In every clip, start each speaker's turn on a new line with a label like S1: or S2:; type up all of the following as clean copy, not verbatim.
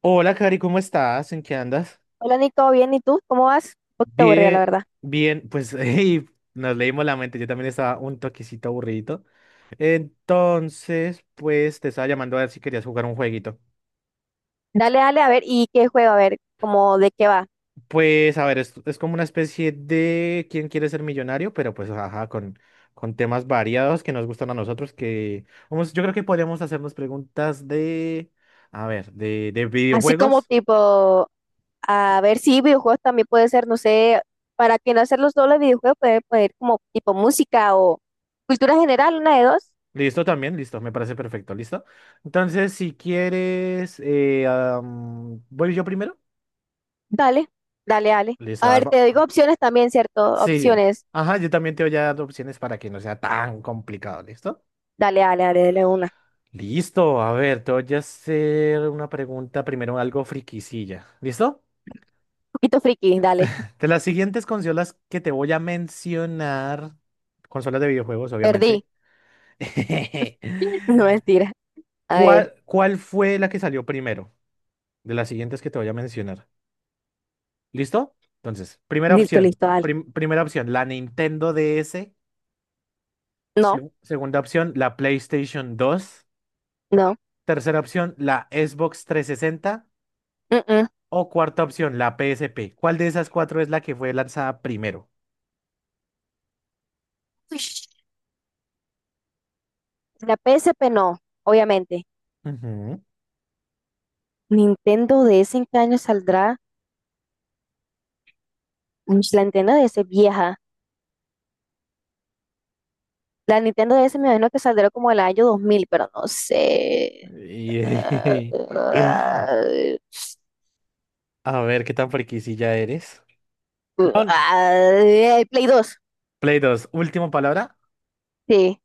S1: Hola, Cari, ¿cómo estás? ¿En qué andas?
S2: Hola Nico, bien, ¿y tú? ¿Cómo vas? Un poquito aburrida, la
S1: Bien,
S2: verdad.
S1: bien, pues hey, nos leímos la mente, yo también estaba un toquecito aburrido. Entonces, pues te estaba llamando a ver si querías jugar un jueguito.
S2: Dale, dale, a ver, ¿y qué juego? A ver, como de qué va.
S1: Pues a ver, es como una especie de ¿Quién quiere ser millonario? Pero pues ajá, con temas variados que nos gustan a nosotros, que vamos, yo creo que podríamos hacernos preguntas de, a ver, de
S2: Así como
S1: videojuegos.
S2: tipo, a ver si videojuegos también puede ser, no sé, para que no hacer los dobles videojuegos, puede poner como tipo música o cultura general, una de dos.
S1: Listo también, listo, me parece perfecto, listo. Entonces, si quieres, voy yo primero.
S2: Dale, dale, dale.
S1: Listo,
S2: A ver, te digo
S1: Alba.
S2: opciones también, ¿cierto?
S1: Sí,
S2: Opciones.
S1: ajá, yo también te voy a dar opciones para que no sea tan complicado, ¿listo?
S2: Dale, dale, dale, dale una. Un
S1: Listo, a ver, te voy a hacer una pregunta primero, algo friquisilla, ¿listo?
S2: poquito friki, dale.
S1: De las siguientes consolas que te voy a mencionar, consolas de videojuegos,
S2: Perdí.
S1: obviamente.
S2: No, mentira. A ver,
S1: ¿Cuál fue la que salió primero? De las siguientes que te voy a mencionar. ¿Listo? Entonces, primera
S2: listo,
S1: opción,
S2: listo, dale.
S1: primera opción, la Nintendo DS.
S2: No,
S1: Segunda opción, la PlayStation 2.
S2: no.
S1: Tercera opción, la Xbox 360.
S2: Mm, mm.
S1: O cuarta opción, la PSP. ¿Cuál de esas cuatro es la que fue lanzada primero?
S2: La P S P no, obviamente.
S1: Ujú.
S2: Nintendo DS en qué año saldrá. Uy, la Nintendo DS vieja. La Nintendo DS me imagino que saldrá como el año 2000 pero no sé. Ah,
S1: Y- A ver, ¿qué tan friquisilla eres? No,
S2: el Play dos.
S1: Play 2. Última palabra.
S2: Sí,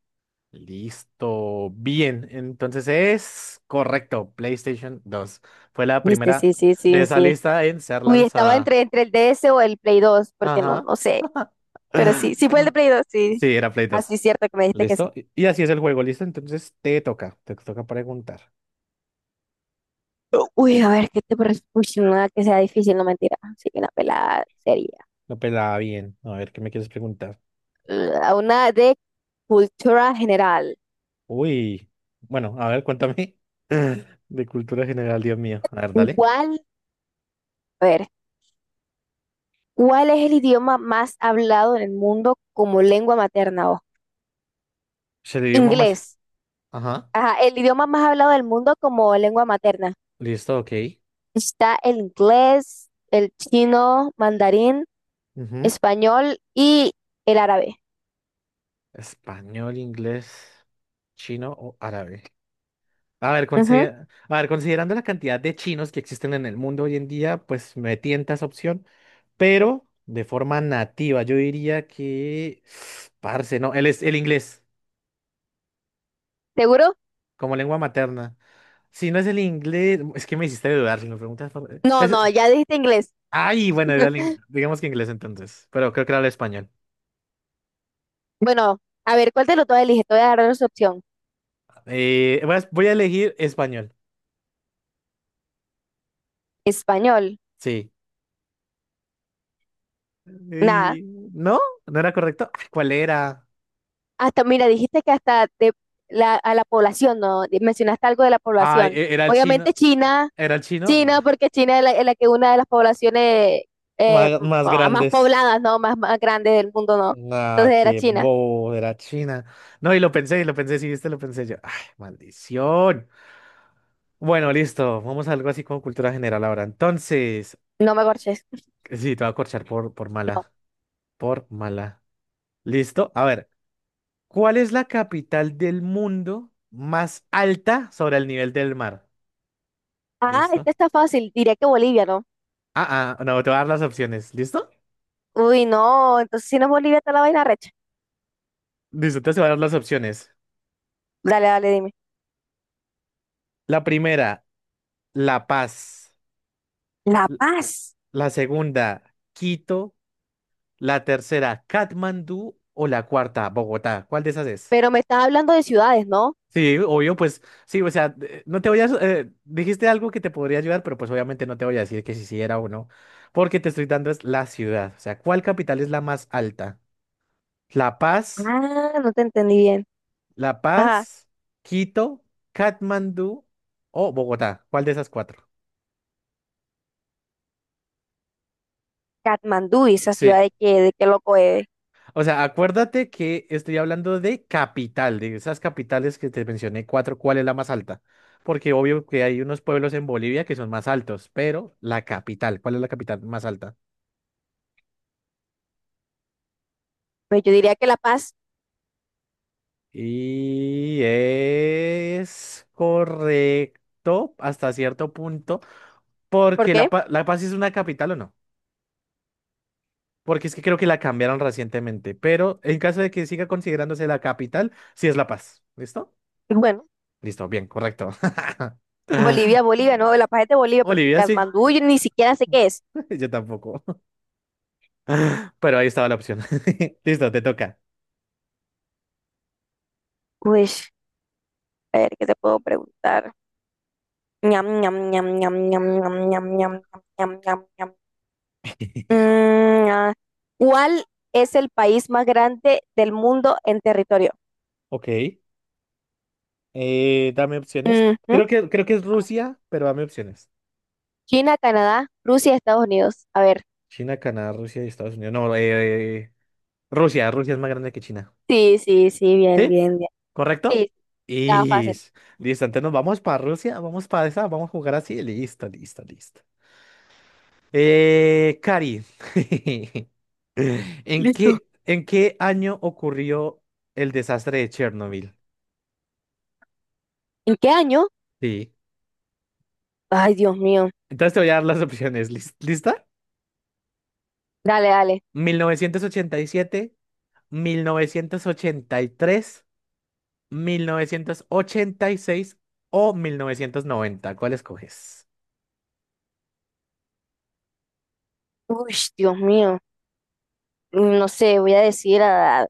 S1: Listo. Bien, entonces es correcto. PlayStation 2 fue la
S2: viste,
S1: primera
S2: sí, sí,
S1: de
S2: sí,
S1: esa
S2: sí.
S1: lista en ser
S2: Uy, estaba
S1: lanzada.
S2: entre el D S o el Play dos porque no,
S1: Ajá.
S2: no sé. Pero sí, sí fue el de Play dos sí.
S1: Sí, era Play
S2: Así
S1: dos
S2: es cierto que me dijiste que sí.
S1: ¿Listo? Y así es el juego, ¿listo? Entonces te toca preguntar.
S2: Uy, a ver, ¿qué te parece? Uy, no, nada que sea difícil, no mentira. Sí, una pelada serie.
S1: Lo pelaba bien. A ver, ¿qué me quieres preguntar?
S2: Una de cultura general.
S1: Uy. Bueno, a ver, cuéntame. De cultura general, Dios mío. A ver, dale.
S2: ¿Cuál, a ver, cuál es el idioma más hablado en el mundo como lengua materna? O
S1: Se le dio más.
S2: inglés.
S1: Ajá.
S2: Ajá, el idioma más hablado del mundo como lengua materna.
S1: Listo, ok.
S2: Está el inglés, el chino, mandarín,
S1: Ujú.
S2: español y el árabe.
S1: Español, inglés, chino o árabe. A ver,
S2: Ujú.
S1: a ver, considerando la cantidad de chinos que existen en el mundo hoy en día, pues me tienta esa opción, pero de forma nativa, yo diría que, parce, no, el inglés
S2: ¿Seguro?
S1: como lengua materna. Si no es el inglés, es que me hiciste dudar, si me preguntas por...
S2: No, no, ya dijiste inglés.
S1: Ay, bueno, era el digamos que inglés entonces, pero creo que era el español.
S2: Bueno, a ver, ¿cuál de los dos eliges? Te voy a dar otra opción.
S1: Voy a elegir español,
S2: Español.
S1: sí.
S2: Nada.
S1: Y- ¿No? ¿No era correcto? Ah, ¿cuál era?
S2: Hasta, mira, dijiste que hasta de a la población, ¿no? Mencionaste algo de la
S1: Ay,
S2: población.
S1: era el chino.
S2: Obviamente China.
S1: ¿Era el chino?
S2: China,
S1: Bah.
S2: porque China es es la que una de las poblaciones
S1: Más
S2: más
S1: grandes.
S2: pobladas, ¿no? Más grandes del mundo, ¿no?
S1: No,
S2: Entonces era
S1: qué
S2: China.
S1: bobo, era China. No, y lo pensé, sí, viste, lo pensé yo. Ay, maldición. Bueno, listo, vamos a algo así como cultura general ahora. Entonces,
S2: No me corches.
S1: sí, te voy a corchar por
S2: No.
S1: mala, por mala. Listo, a ver, ¿cuál es la capital del mundo más alta sobre el nivel del mar?
S2: Ah,
S1: ¿Listo?
S2: esta está fácil. Diría que Bolivia, ¿no?
S1: Ah, ah, no, te voy a dar las opciones, ¿listo?
S2: Uy, no. Entonces si no es Bolivia, está la vaina recha.
S1: Listo, entonces te voy a dar las opciones.
S2: Dale, dale, dime.
S1: La primera, La Paz.
S2: La
S1: L-
S2: Paz.
S1: La segunda, Quito. La tercera, Katmandú. O la cuarta, Bogotá. ¿Cuál de esas es?
S2: Pero me estás hablando de ciudades, ¿no?
S1: Sí, obvio, pues sí, o sea, no te voy a... dijiste algo que te podría ayudar, pero pues obviamente no te voy a decir que si sí era o no, porque te estoy dando es la ciudad. O sea, ¿cuál capital es la más alta? La Paz,
S2: Ah, no te entendí bien.
S1: La
S2: Ajá.
S1: Paz, Quito, Katmandú o Bogotá. ¿Cuál de esas cuatro?
S2: Katmandú, ¿y esa
S1: Sí,
S2: ciudad de qué loco es?
S1: o sea, acuérdate que estoy hablando de capital, de esas capitales que te mencioné cuatro, ¿cuál es la más alta? Porque obvio que hay unos pueblos en Bolivia que son más altos, pero la capital, ¿cuál es la capital más alta?
S2: Pues yo diría que La Paz.
S1: Y es correcto hasta cierto punto,
S2: ¿Por
S1: porque La,
S2: qué?
S1: Pa- La Paz es una capital o no, porque es que creo que la cambiaron recientemente, pero en caso de que siga considerándose la capital, sí es La Paz, ¿listo?
S2: Bueno.
S1: Listo, bien, correcto. Ah,
S2: Bolivia, Bolivia, no, La Paz es de Bolivia, porque
S1: Bolivia, sí.
S2: Katmandú yo ni siquiera sé qué es.
S1: Yo tampoco. Pero ahí estaba la opción. Listo, te toca.
S2: Pues, a ver, ¿qué te puedo preguntar? Ñam, ñam, ñam, ñam, ñam, ñam, ñam, ñam, ñam, ñam, ñam. Mm, ah, ¿cuál es el país más grande del mundo en territorio?
S1: Ok. Dame opciones.
S2: Ujú.
S1: Creo que es Rusia, pero dame opciones.
S2: China, Canadá, Rusia, Estados Unidos. A ver,
S1: China, Canadá, Rusia y Estados Unidos. No, Rusia. Rusia es más grande que China.
S2: sí, sí, sí, bien,
S1: ¿Sí?
S2: bien, bien.
S1: ¿Correcto?
S2: Sí, estaba
S1: Y
S2: fácil.
S1: listo, entonces nos vamos para Rusia, vamos para esa, vamos a jugar así. Listo, listo, listo. Cari, ¿en
S2: Listo.
S1: qué, en qué año ocurrió el desastre de Chernobyl?
S2: ¿En qué año?
S1: Sí.
S2: Ay, Dios mío.
S1: Entonces te voy a dar las opciones. ¿Lista?
S2: Dale, dale.
S1: 1987, 1983, 1986 o 1990. ¿Cuál escoges?
S2: Uy, Dios mío. Mm, no sé, voy a decir a...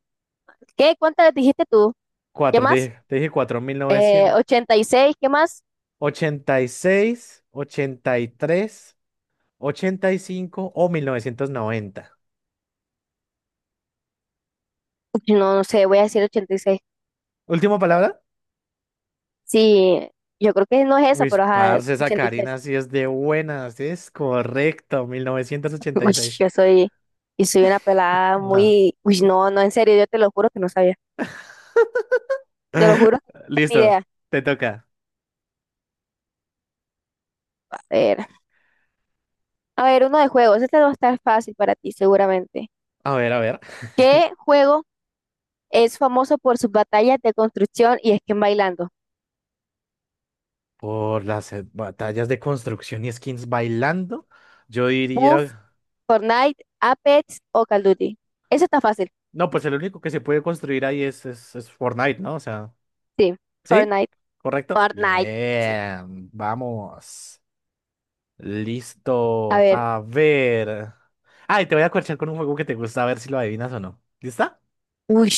S2: ¿Qué? ¿Cuántas dijiste tú? ¿Qué
S1: Cuatro, te
S2: más?
S1: dije, te dije cuatro. mil novecientos
S2: 86, ¿qué más?
S1: ochenta y seis, ochenta y tres, ochenta y cinco o 1990.
S2: No, no sé, voy a decir 86.
S1: ¿Última palabra?
S2: Sí, yo creo que no es eso,
S1: Uy,
S2: pero ajá,
S1: parce, esa
S2: 86.
S1: Karina sí es de buenas. Sí, es correcto, Mil novecientos ochenta y
S2: Uy,
S1: seis.
S2: yo soy, y soy una pelada
S1: No.
S2: muy... Uy, no, no, en serio, yo te lo juro que no sabía. Te lo juro que no tengo ni
S1: Listo,
S2: idea.
S1: te toca.
S2: A ver, a ver, uno de juegos. Este va a estar fácil para ti, seguramente.
S1: A ver, a ver.
S2: ¿Qué juego es famoso por sus batallas de construcción y esquema bailando?
S1: Por las batallas de construcción y skins bailando, yo
S2: Puff,
S1: diría.
S2: Fortnite, Apex o Call of Duty. Eso está fácil.
S1: No, pues el único que se puede construir ahí es, es Fortnite, ¿no? O sea,
S2: Sí,
S1: ¿sí?
S2: Fortnite.
S1: ¿Correcto?
S2: Fortnite. Sí.
S1: Bien, vamos.
S2: A
S1: Listo.
S2: ver.
S1: A ver. Ay, te voy a corchar con un juego que te gusta, a ver si lo adivinas o no. ¿Lista?
S2: Uy,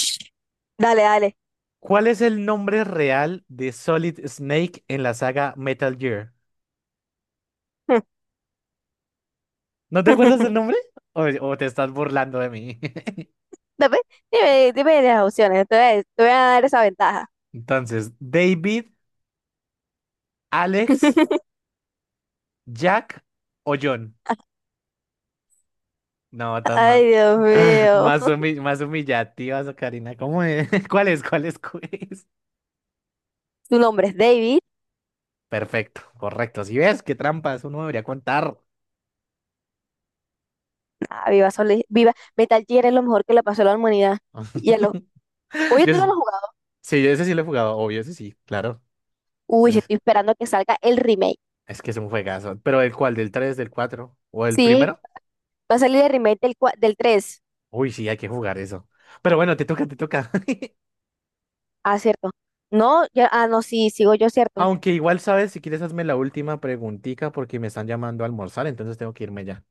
S2: dale, dale.
S1: ¿Cuál es el nombre real de Solid Snake en la saga Metal Gear? ¿No te acuerdas del nombre? ¿O o te estás burlando de mí?
S2: Dame, dime, dime las opciones. Te voy a dar esa ventaja.
S1: Entonces, ¿David, Alex, Jack o John? No, tan
S2: Ay,
S1: más,
S2: Dios mío.
S1: más, humi- más humillativas, Karina. ¿Cómo es? ¿Cuál es? ¿Cuál es? ¿Cuál es?
S2: Tu nombre es David.
S1: Perfecto, correcto. Si ves qué trampas uno debería contar.
S2: Ah, viva, viva. Metal Gear es lo mejor que le pasó a la humanidad. Y a los... Oye,
S1: Yo
S2: tú no lo
S1: ese-
S2: has jugado.
S1: sí, yo ese sí lo he jugado, obvio, ese sí, claro.
S2: Uy,
S1: Ese
S2: estoy esperando que salga el remake.
S1: es que es un juegazo. Pero ¿el cuál? ¿Del 3, del 4 o el
S2: Sí,
S1: primero?
S2: va a salir el remake del 3.
S1: Uy, sí, hay que jugar eso. Pero bueno, te toca, te toca.
S2: Ah, cierto. No, ya, ah, no, sí, sigo yo, cierto.
S1: Aunque igual sabes, si quieres hazme la última preguntica porque me están llamando a almorzar, entonces tengo que irme ya.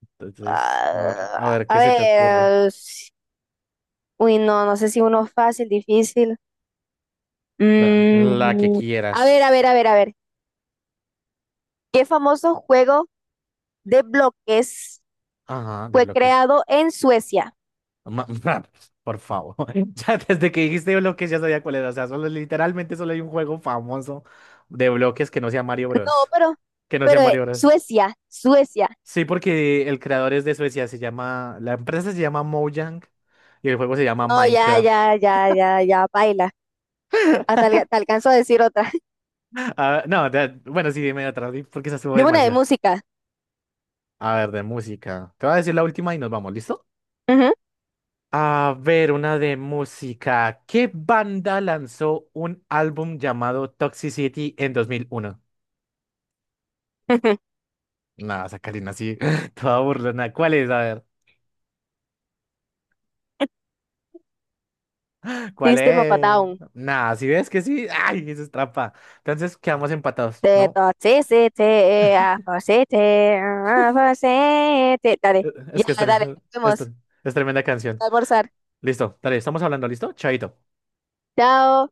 S1: Entonces, a
S2: Ah,
S1: ver
S2: a
S1: qué se te ocurre.
S2: ver, uy, no, no sé si uno fácil, difícil.
S1: La que
S2: Mm, a
S1: quieras.
S2: ver, a ver, a ver, a ver. ¿Qué famoso juego de bloques
S1: Ajá, de
S2: fue
S1: bloques.
S2: creado en Suecia?
S1: Ma- por favor. Ya desde que dijiste bloques ya sabía cuál era. O sea, solo, literalmente solo hay un juego famoso de bloques que no sea Mario
S2: No,
S1: Bros.
S2: pero,
S1: Que no sea
S2: pero
S1: Mario Bros.
S2: Suecia, Suecia.
S1: Sí, porque el creador es de Suecia. Se llama. La empresa se llama Mojang y el juego se llama
S2: No, ya,
S1: Minecraft.
S2: ya, ya, ya, ya, baila. Te alcanzo a decir otra.
S1: Ah, no, bueno, sí, dime otra, porque se estuvo
S2: Dime una de
S1: demasiado.
S2: música.
S1: A ver, de música. Te voy a decir la última y nos vamos, ¿listo?
S2: Ujú.
S1: A ver, una de música. ¿Qué banda lanzó un álbum llamado Toxicity en 2001? Nada, Sacarina, así, toda burlona. ¿Cuál es? A ver, ¿cuál
S2: System of a
S1: es?
S2: Down.
S1: Nada, si ves que sí, ay, eso es trampa. Entonces quedamos empatados,
S2: Te
S1: ¿no?
S2: toxicity, afoxity, afoxity. Dale,
S1: Eh, Es que es,
S2: ya, dale, nos vemos.
S1: es tremenda canción.
S2: A almorzar.
S1: Listo, dale, estamos hablando, ¿listo? Chaito.
S2: Chao.